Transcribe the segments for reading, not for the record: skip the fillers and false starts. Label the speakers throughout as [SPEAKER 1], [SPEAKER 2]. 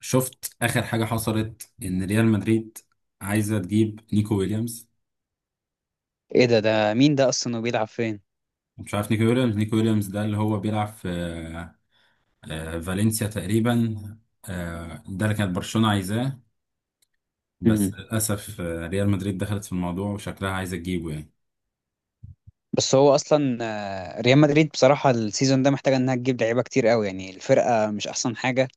[SPEAKER 1] شفت اخر حاجه حصلت ان ريال مدريد عايزه تجيب نيكو ويليامز.
[SPEAKER 2] ايه ده مين ده اصلا وبيلعب فين؟
[SPEAKER 1] مش عارف، نيكو ويليامز، ده اللي هو بيلعب في فالنسيا تقريبا. ده اللي كانت برشلونه عايزاه، بس
[SPEAKER 2] مم.
[SPEAKER 1] للاسف ريال مدريد دخلت في الموضوع وشكلها عايزه تجيبه يعني.
[SPEAKER 2] بس هو اصلا، ريال مدريد بصراحه السيزون ده محتاجه انها تجيب لعيبه كتير قوي، يعني الفرقه مش احسن حاجه.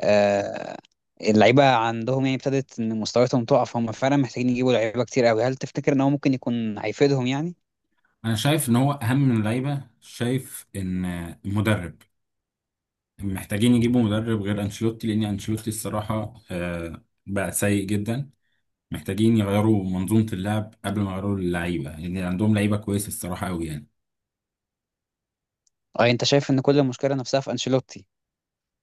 [SPEAKER 2] آه، اللعيبه عندهم يعني ابتدت ان مستوياتهم تقع، فهم فعلا محتاجين يجيبوا لعيبه كتير قوي. هل تفتكر ان هو ممكن يكون هيفيدهم يعني؟
[SPEAKER 1] انا شايف ان هو اهم من اللعيبه، شايف ان المدرب محتاجين يجيبوا مدرب غير انشيلوتي، لان انشيلوتي الصراحه بقى سيء جدا. محتاجين يغيروا منظومة اللعب قبل ما يغيروا اللعيبة، يعني عندهم لعيبة كويسة الصراحة أوي يعني.
[SPEAKER 2] اه، انت شايف ان كل المشكله نفسها في انشيلوتي؟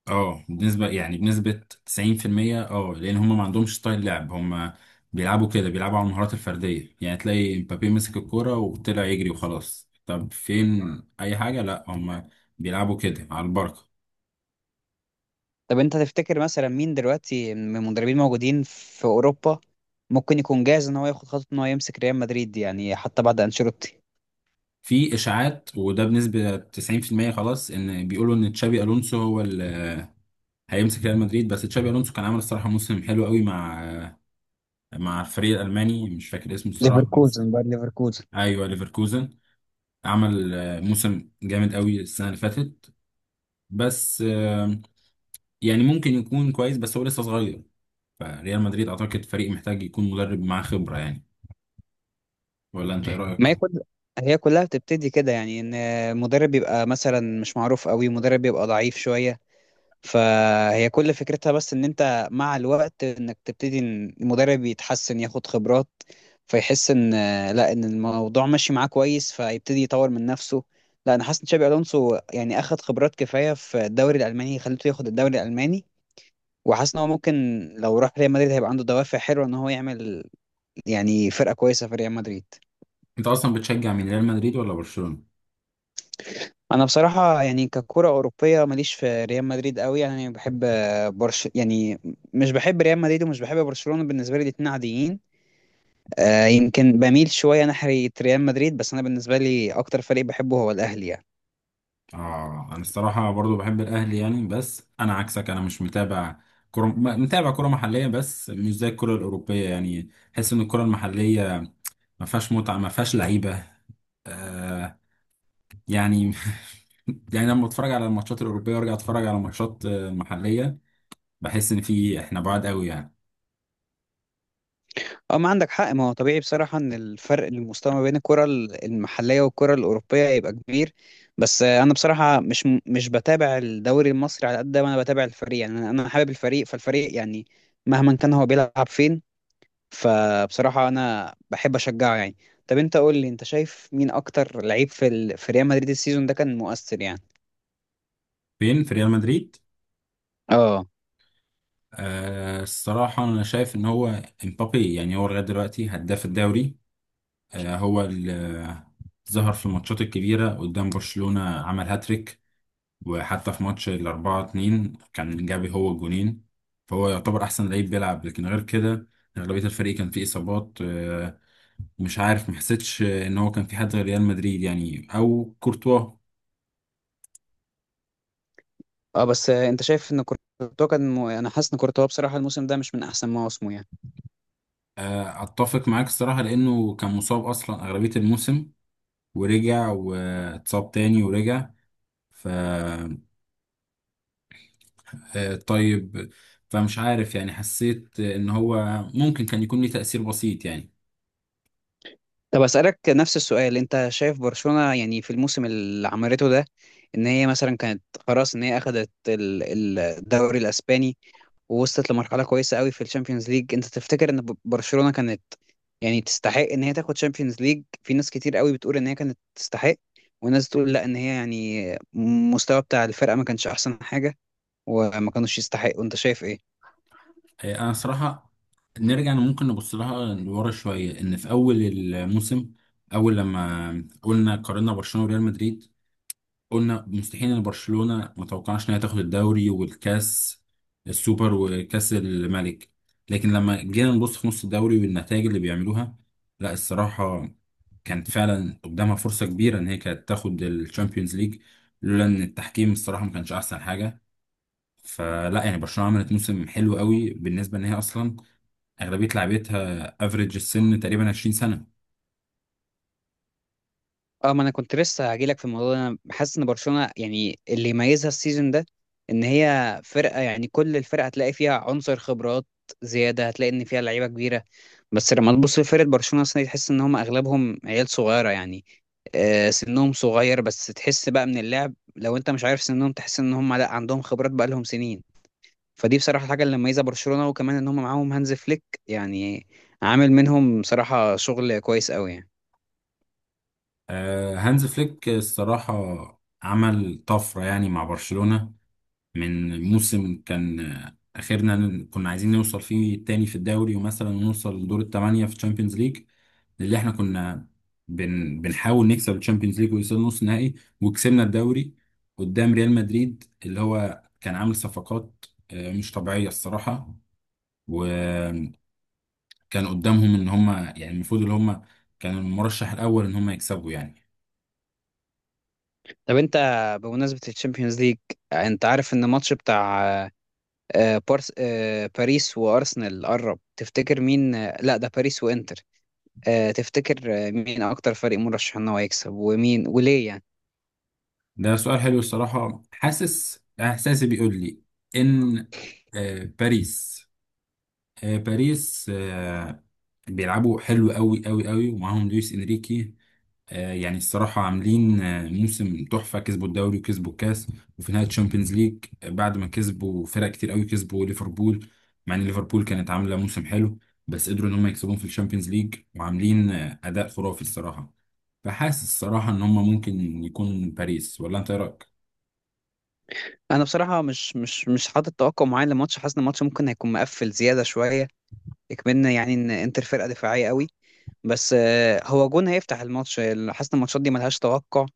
[SPEAKER 1] اه، بنسبة يعني بنسبة 90%، اه لأن هم ما عندهمش ستايل لعب. هم بيلعبوا كده، بيلعبوا على المهارات الفردية، يعني تلاقي مبابي مسك الكورة وطلع يجري وخلاص. طب فين أي حاجة؟ لا، هم بيلعبوا كده على البركة.
[SPEAKER 2] طب انت تفتكر مثلا مين دلوقتي من المدربين موجودين في اوروبا ممكن يكون جاهز ان هو ياخد خطوه ان هو يمسك ريال مدريد، يعني حتى بعد انشيلوتي؟
[SPEAKER 1] في إشاعات، وده بنسبة 90% خلاص، إن بيقولوا إن تشابي ألونسو هو اللي هيمسك ريال مدريد. بس تشابي ألونسو كان عامل الصراحة موسم حلو قوي مع مع الفريق الالماني، مش فاكر اسمه الصراحه بس.
[SPEAKER 2] ليفركوزن بقى، ليفركوزن.
[SPEAKER 1] ايوه، ليفركوزن. عمل موسم جامد قوي السنه اللي فاتت، بس يعني ممكن يكون كويس بس هو لسه صغير. فريال مدريد اعتقد فريق محتاج يكون مدرب معاه خبره يعني. ولا انت ايه
[SPEAKER 2] ما
[SPEAKER 1] رايك؟
[SPEAKER 2] هي كل هي كلها بتبتدي كده، يعني ان مدرب بيبقى مثلا مش معروف قوي، مدرب بيبقى ضعيف شوية. فهي كل فكرتها بس ان انت مع الوقت انك تبتدي ان المدرب يتحسن، ياخد خبرات، فيحس ان لا ان الموضوع ماشي معاه كويس، فيبتدي يطور من نفسه. لا، انا حاسس ان تشابي الونسو يعني اخد خبرات كفاية في الدوري الالماني، خليته ياخد الدوري الالماني. وحاسس ان هو ممكن، لو راح ريال مدريد هيبقى عنده دوافع حلوة ان هو يعمل يعني فرقة كويسة في ريال مدريد.
[SPEAKER 1] انت اصلا بتشجع من ريال مدريد ولا برشلونه؟
[SPEAKER 2] انا بصراحه يعني ككره اوروبيه ماليش في ريال مدريد قوي، يعني بحب برش يعني. مش بحب ريال مدريد ومش بحب برشلونه، بالنسبه لي الاتنين عاديين. يمكن بميل شويه ناحيه ريال مدريد، بس انا بالنسبه لي اكتر فريق بحبه هو الاهلي يعني.
[SPEAKER 1] اه، انا الصراحه برضو بحب الاهلي يعني، بس انا عكسك، انا مش متابع كرة، متابع كرة محلية بس مش زي الكرة الأوروبية. يعني حس إن الكرة المحلية ما فيهاش متعه، ما فيهاش لعيبه. آه يعني يعني لما اتفرج على الماتشات الاوروبيه وارجع اتفرج على ماتشات محليه، بحس ان في احنا بعاد قوي يعني.
[SPEAKER 2] اه، ما عندك حق. ما هو طبيعي بصراحه ان الفرق المستوى ما بين الكره المحليه والكره الاوروبيه يبقى كبير. بس انا بصراحه مش بتابع الدوري المصري على قد ما انا بتابع الفريق، يعني انا حابب الفريق، فالفريق يعني مهما كان هو بيلعب فين، فبصراحة أنا بحب أشجعه يعني. طب أنت قول لي، أنت شايف مين أكتر لعيب في ريال مدريد السيزون ده كان مؤثر يعني؟
[SPEAKER 1] فين في ريال مدريد؟
[SPEAKER 2] اه.
[SPEAKER 1] آه الصراحه انا شايف ان هو امبابي، يعني هو لغايه دلوقتي هداف الدوري. آه، هو اللي ظهر في الماتشات الكبيره، قدام برشلونه عمل هاتريك، وحتى في ماتش الأربعة اتنين كان جابي هو الجونين. فهو يعتبر أحسن لعيب بيلعب، لكن غير كده أغلبية الفريق كان فيه إصابات. مش عارف، محسيتش إن هو كان في حد غير ريال مدريد يعني، أو كورتوا.
[SPEAKER 2] اه، بس انت شايف ان كورتوا كان انا حاسس ان كورتوا بصراحه الموسم ده مش من احسن مواسمه يعني.
[SPEAKER 1] أتفق معاك الصراحة، لأنه كان مصاب أصلا أغلبية الموسم، ورجع واتصاب تاني ورجع، ف آه، طيب، فمش عارف يعني، حسيت إن هو ممكن كان يكون ليه تأثير بسيط يعني.
[SPEAKER 2] طب اسالك نفس السؤال، انت شايف برشلونه يعني في الموسم اللي عملته ده ان هي مثلا كانت خلاص، ان هي اخذت الدوري الاسباني ووصلت لمرحله كويسه قوي في الشامبيونز ليج. انت تفتكر ان برشلونه كانت يعني تستحق ان هي تاخد شامبيونز ليج؟ في ناس كتير قوي بتقول ان هي كانت تستحق، وناس تقول لا، ان هي يعني المستوى بتاع الفرقه ما كانش احسن حاجه وما كانوش يستحقوا. انت شايف ايه؟
[SPEAKER 1] انا صراحه نرجع، ممكن نبص لها لورا شويه. ان في اول الموسم، اول لما قلنا قارنا برشلونه وريال مدريد، قلنا مستحيل ان برشلونه، ما توقعناش انها تاخد الدوري والكاس السوبر وكاس الملك. لكن لما جينا نبص في نص الدوري والنتائج اللي بيعملوها، لا الصراحه كانت فعلا قدامها فرصه كبيره ان هي كانت تاخد الشامبيونز ليج، لولا ان التحكيم الصراحه ما كانش احسن حاجه. فلا يعني برشلونه عملت موسم حلو قوي بالنسبه ان هي اصلا اغلبيه لعيبتها افريج السن تقريبا 20 سنه.
[SPEAKER 2] اه، ما انا كنت لسه هجيلك في الموضوع ده. انا حاسس ان برشلونه يعني اللي يميزها السيزون ده ان هي فرقه، يعني كل الفرقه هتلاقي فيها عنصر خبرات زياده، هتلاقي ان فيها لعيبه كبيره. بس لما تبص لفرقة برشلونة السنة دي، تحس ان هم اغلبهم عيال صغيرة يعني. سنهم صغير، بس تحس بقى من اللعب لو انت مش عارف سنهم، تحس ان هم لا عندهم خبرات، بقى لهم سنين. فدي بصراحة الحاجة اللي مميزة برشلونة، وكمان ان هم معاهم هانز فليك يعني، عامل منهم بصراحة شغل كويس قوي يعني.
[SPEAKER 1] هانز فليك الصراحه عمل طفره يعني مع برشلونه، من موسم كان اخرنا كنا عايزين نوصل فيه تاني في الدوري ومثلا نوصل لدور الثمانيه في تشامبيونز ليج، اللي احنا كنا بنحاول نكسب الشامبيونز ليج ويوصل نص نهائي. وكسبنا الدوري قدام ريال مدريد، اللي هو كان عامل صفقات مش طبيعية الصراحة. كان قدامهم ان هم يعني المفروض اللي هم، كان المرشح الاول ان هم يكسبوا يعني.
[SPEAKER 2] طب انت، بمناسبة الشامبيونز ليج، انت عارف ان الماتش بتاع آه، بارس آه، باريس وارسنال قرب؟ تفتكر مين، لا، ده باريس وانتر. تفتكر مين اكتر فريق مرشح ان هو يكسب ومين وليه يعني؟
[SPEAKER 1] ده سؤال حلو الصراحه، حاسس احساسي بيقول لي ان آه، باريس باريس بيلعبوا حلو قوي قوي قوي، ومعاهم لويس انريكي. يعني الصراحة عاملين موسم تحفة، كسبوا الدوري وكسبوا الكاس، وفي نهاية الشامبيونز ليج بعد ما كسبوا فرق كتير قوي، كسبوا ليفربول، مع ان ليفربول كانت عاملة موسم حلو، بس قدروا ان هم يكسبوهم في الشامبيونز ليج، وعاملين أداء خرافي الصراحة. فحاسس الصراحة ان هم ممكن يكون باريس، ولا انت إيه رأيك؟
[SPEAKER 2] انا بصراحه مش حاطط توقع معين للماتش، حاسس ان الماتش ممكن هيكون مقفل زياده شويه، يكملنا يعني ان انتر فرقه دفاعيه قوي، بس هو جون هيفتح الماتش. حاسس ان الماتشات دي ملهاش توقع.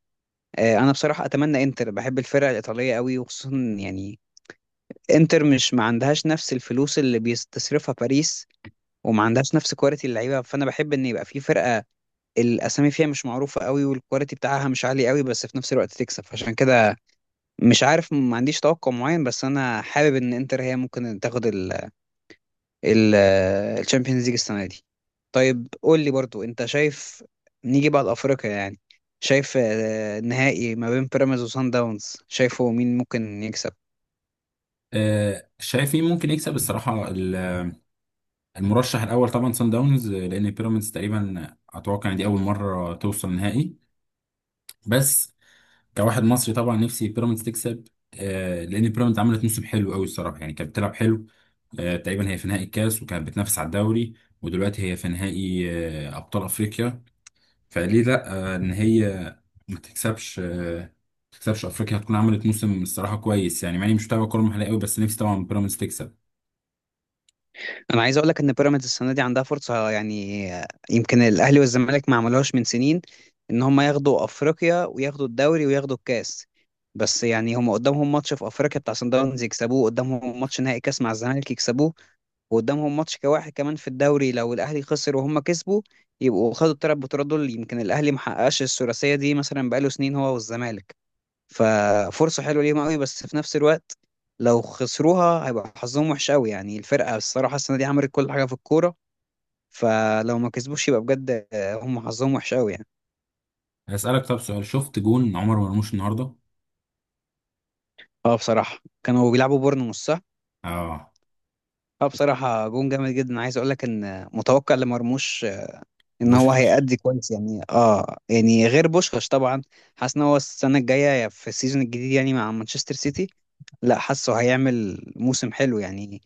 [SPEAKER 2] انا بصراحه اتمنى انتر، بحب الفرقه الايطاليه قوي وخصوصا يعني انتر مش ما عندهاش نفس الفلوس اللي بيستصرفها باريس، وما عندهاش نفس كواليتي اللعيبه، فانا بحب ان يبقى في فرقه الاسامي فيها مش معروفه قوي والكواليتي بتاعها مش عالي قوي، بس في نفس الوقت تكسب. فعشان كده مش عارف ما عنديش توقع معين، بس انا حابب ان انتر هي ممكن تاخد ال ال الشامبيونز ليج السنه دي. طيب قول لي برضو، انت شايف، نيجي بعد افريقيا يعني، شايف النهائي ما بين بيراميدز وسان داونز، شايفه مين ممكن يكسب؟
[SPEAKER 1] شايف مين ممكن يكسب الصراحة؟ المرشح الأول طبعا سان داونز، لأن بيراميدز تقريبا أتوقع إن دي أول مرة توصل نهائي، بس كواحد مصري طبعا نفسي بيراميدز تكسب. لان بيراميدز عملت موسم حلو قوي الصراحه، يعني كانت بتلعب حلو. تقريبا هي في نهائي الكاس، وكانت بتنافس على الدوري، ودلوقتي هي في نهائي ابطال افريقيا. فليه لا ان هي ما تكسبش آه، ما تكسبش؟ هتكون عملت موسم الصراحه كويس يعني، مع اني مش متابع كوره محليه قوي، بس نفسي طبعا بيراميدز تكسب.
[SPEAKER 2] انا عايز اقول لك ان بيراميدز السنه دي عندها فرصه، يعني يمكن الاهلي والزمالك ما عملوهاش من سنين، ان هم ياخدوا افريقيا وياخدوا الدوري وياخدوا الكاس. بس يعني هم قدامهم ماتش في افريقيا بتاع سان داونز يكسبوه، قدامهم ماتش نهائي كاس مع الزمالك يكسبوه، وقدامهم ماتش كواحد كمان في الدوري، لو الاهلي خسر وهم كسبوا يبقوا خدوا الثلاث بطولات دول. يمكن الاهلي ما حققش الثلاثيه دي مثلا بقاله سنين، هو والزمالك. ففرصة حلوة ليهم قوي، بس في نفس الوقت لو خسروها هيبقى حظهم وحش قوي يعني. الفرقة الصراحة السنة دي عملت كل حاجة في الكورة، فلو ما كسبوش يبقى بجد هم حظهم وحش قوي يعني.
[SPEAKER 1] هسالك طب سؤال، شفت جون عمر مرموش النهارده؟
[SPEAKER 2] اه، بصراحة كانوا بيلعبوا بورنموث، صح؟
[SPEAKER 1] اه
[SPEAKER 2] اه، بصراحة جون جامد جدا. عايز اقول لك ان متوقع لمرموش ان هو
[SPEAKER 1] بوشكاش.
[SPEAKER 2] هيأدي كويس يعني، اه يعني غير بوشكاش طبعا. حاسس ان هو السنه الجايه في السيزون الجديد يعني، مع مانشستر سيتي، لا حاسه هيعمل موسم حلو يعني،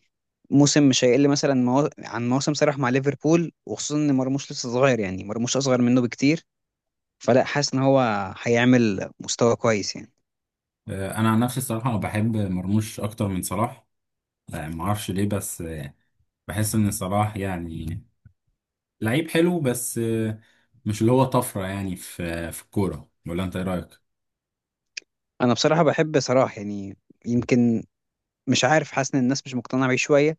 [SPEAKER 2] موسم مش هيقل مثلا عن موسم صلاح مع ليفربول، وخصوصا ان مرموش لسه صغير يعني، مرموش اصغر منه بكتير. فلا حاسس ان هو هيعمل مستوى كويس يعني.
[SPEAKER 1] انا عن نفسي الصراحه بحب مرموش اكتر من صلاح. ما اعرفش ليه، بس بحس ان صلاح يعني لعيب حلو، بس مش اللي هو طفره يعني في في الكوره. ولا انت ايه رايك؟
[SPEAKER 2] انا بصراحه بحب صلاح يعني، يمكن مش عارف، حاسس ان الناس مش مقتنعه بيه شويه،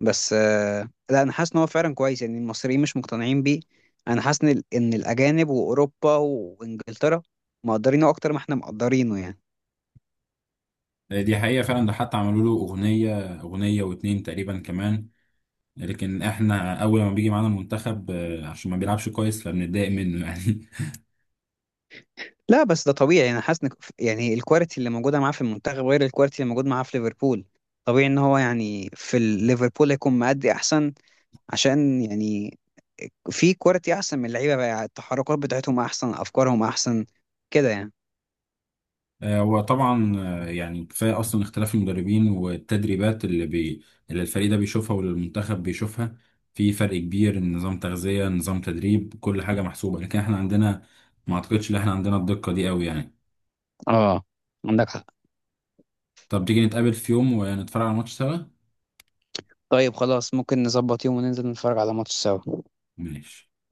[SPEAKER 2] بس لا، انا حاسس ان هو فعلا كويس يعني. المصريين مش مقتنعين بيه. انا حاسس ان إن الاجانب واوروبا وانجلترا مقدرينه اكتر ما احنا مقدرينه يعني.
[SPEAKER 1] دي حقيقه فعلا، ده حتى عملوا له اغنيه، اغنيه واتنين تقريبا كمان، لكن احنا اول ما بيجي معانا المنتخب عشان ما بيلعبش كويس فبنتضايق منه يعني.
[SPEAKER 2] لا بس ده طبيعي. انا حاسس ان يعني الكواليتي اللي موجوده معاه في المنتخب غير الكواليتي اللي موجود معاه في ليفربول. طبيعي ان هو يعني في ليفربول هيكون مادي احسن، عشان يعني في كواليتي احسن من اللعيبه بقى يعني، التحركات بتاعتهم احسن، افكارهم احسن كده يعني.
[SPEAKER 1] وطبعا يعني كفايه اصلا اختلاف المدربين والتدريبات اللي الفريق ده بيشوفها واللي المنتخب بيشوفها. في فرق كبير، نظام تغذيه، نظام تدريب، كل حاجه محسوبه، لكن احنا عندنا ما اعتقدش ان احنا عندنا الدقه دي قوي يعني.
[SPEAKER 2] اه، عندك حق.
[SPEAKER 1] طب تيجي نتقابل في يوم ونتفرج على ماتش سوا؟
[SPEAKER 2] طيب خلاص، ممكن نظبط يوم وننزل نتفرج على ماتش سوا.
[SPEAKER 1] ماشي.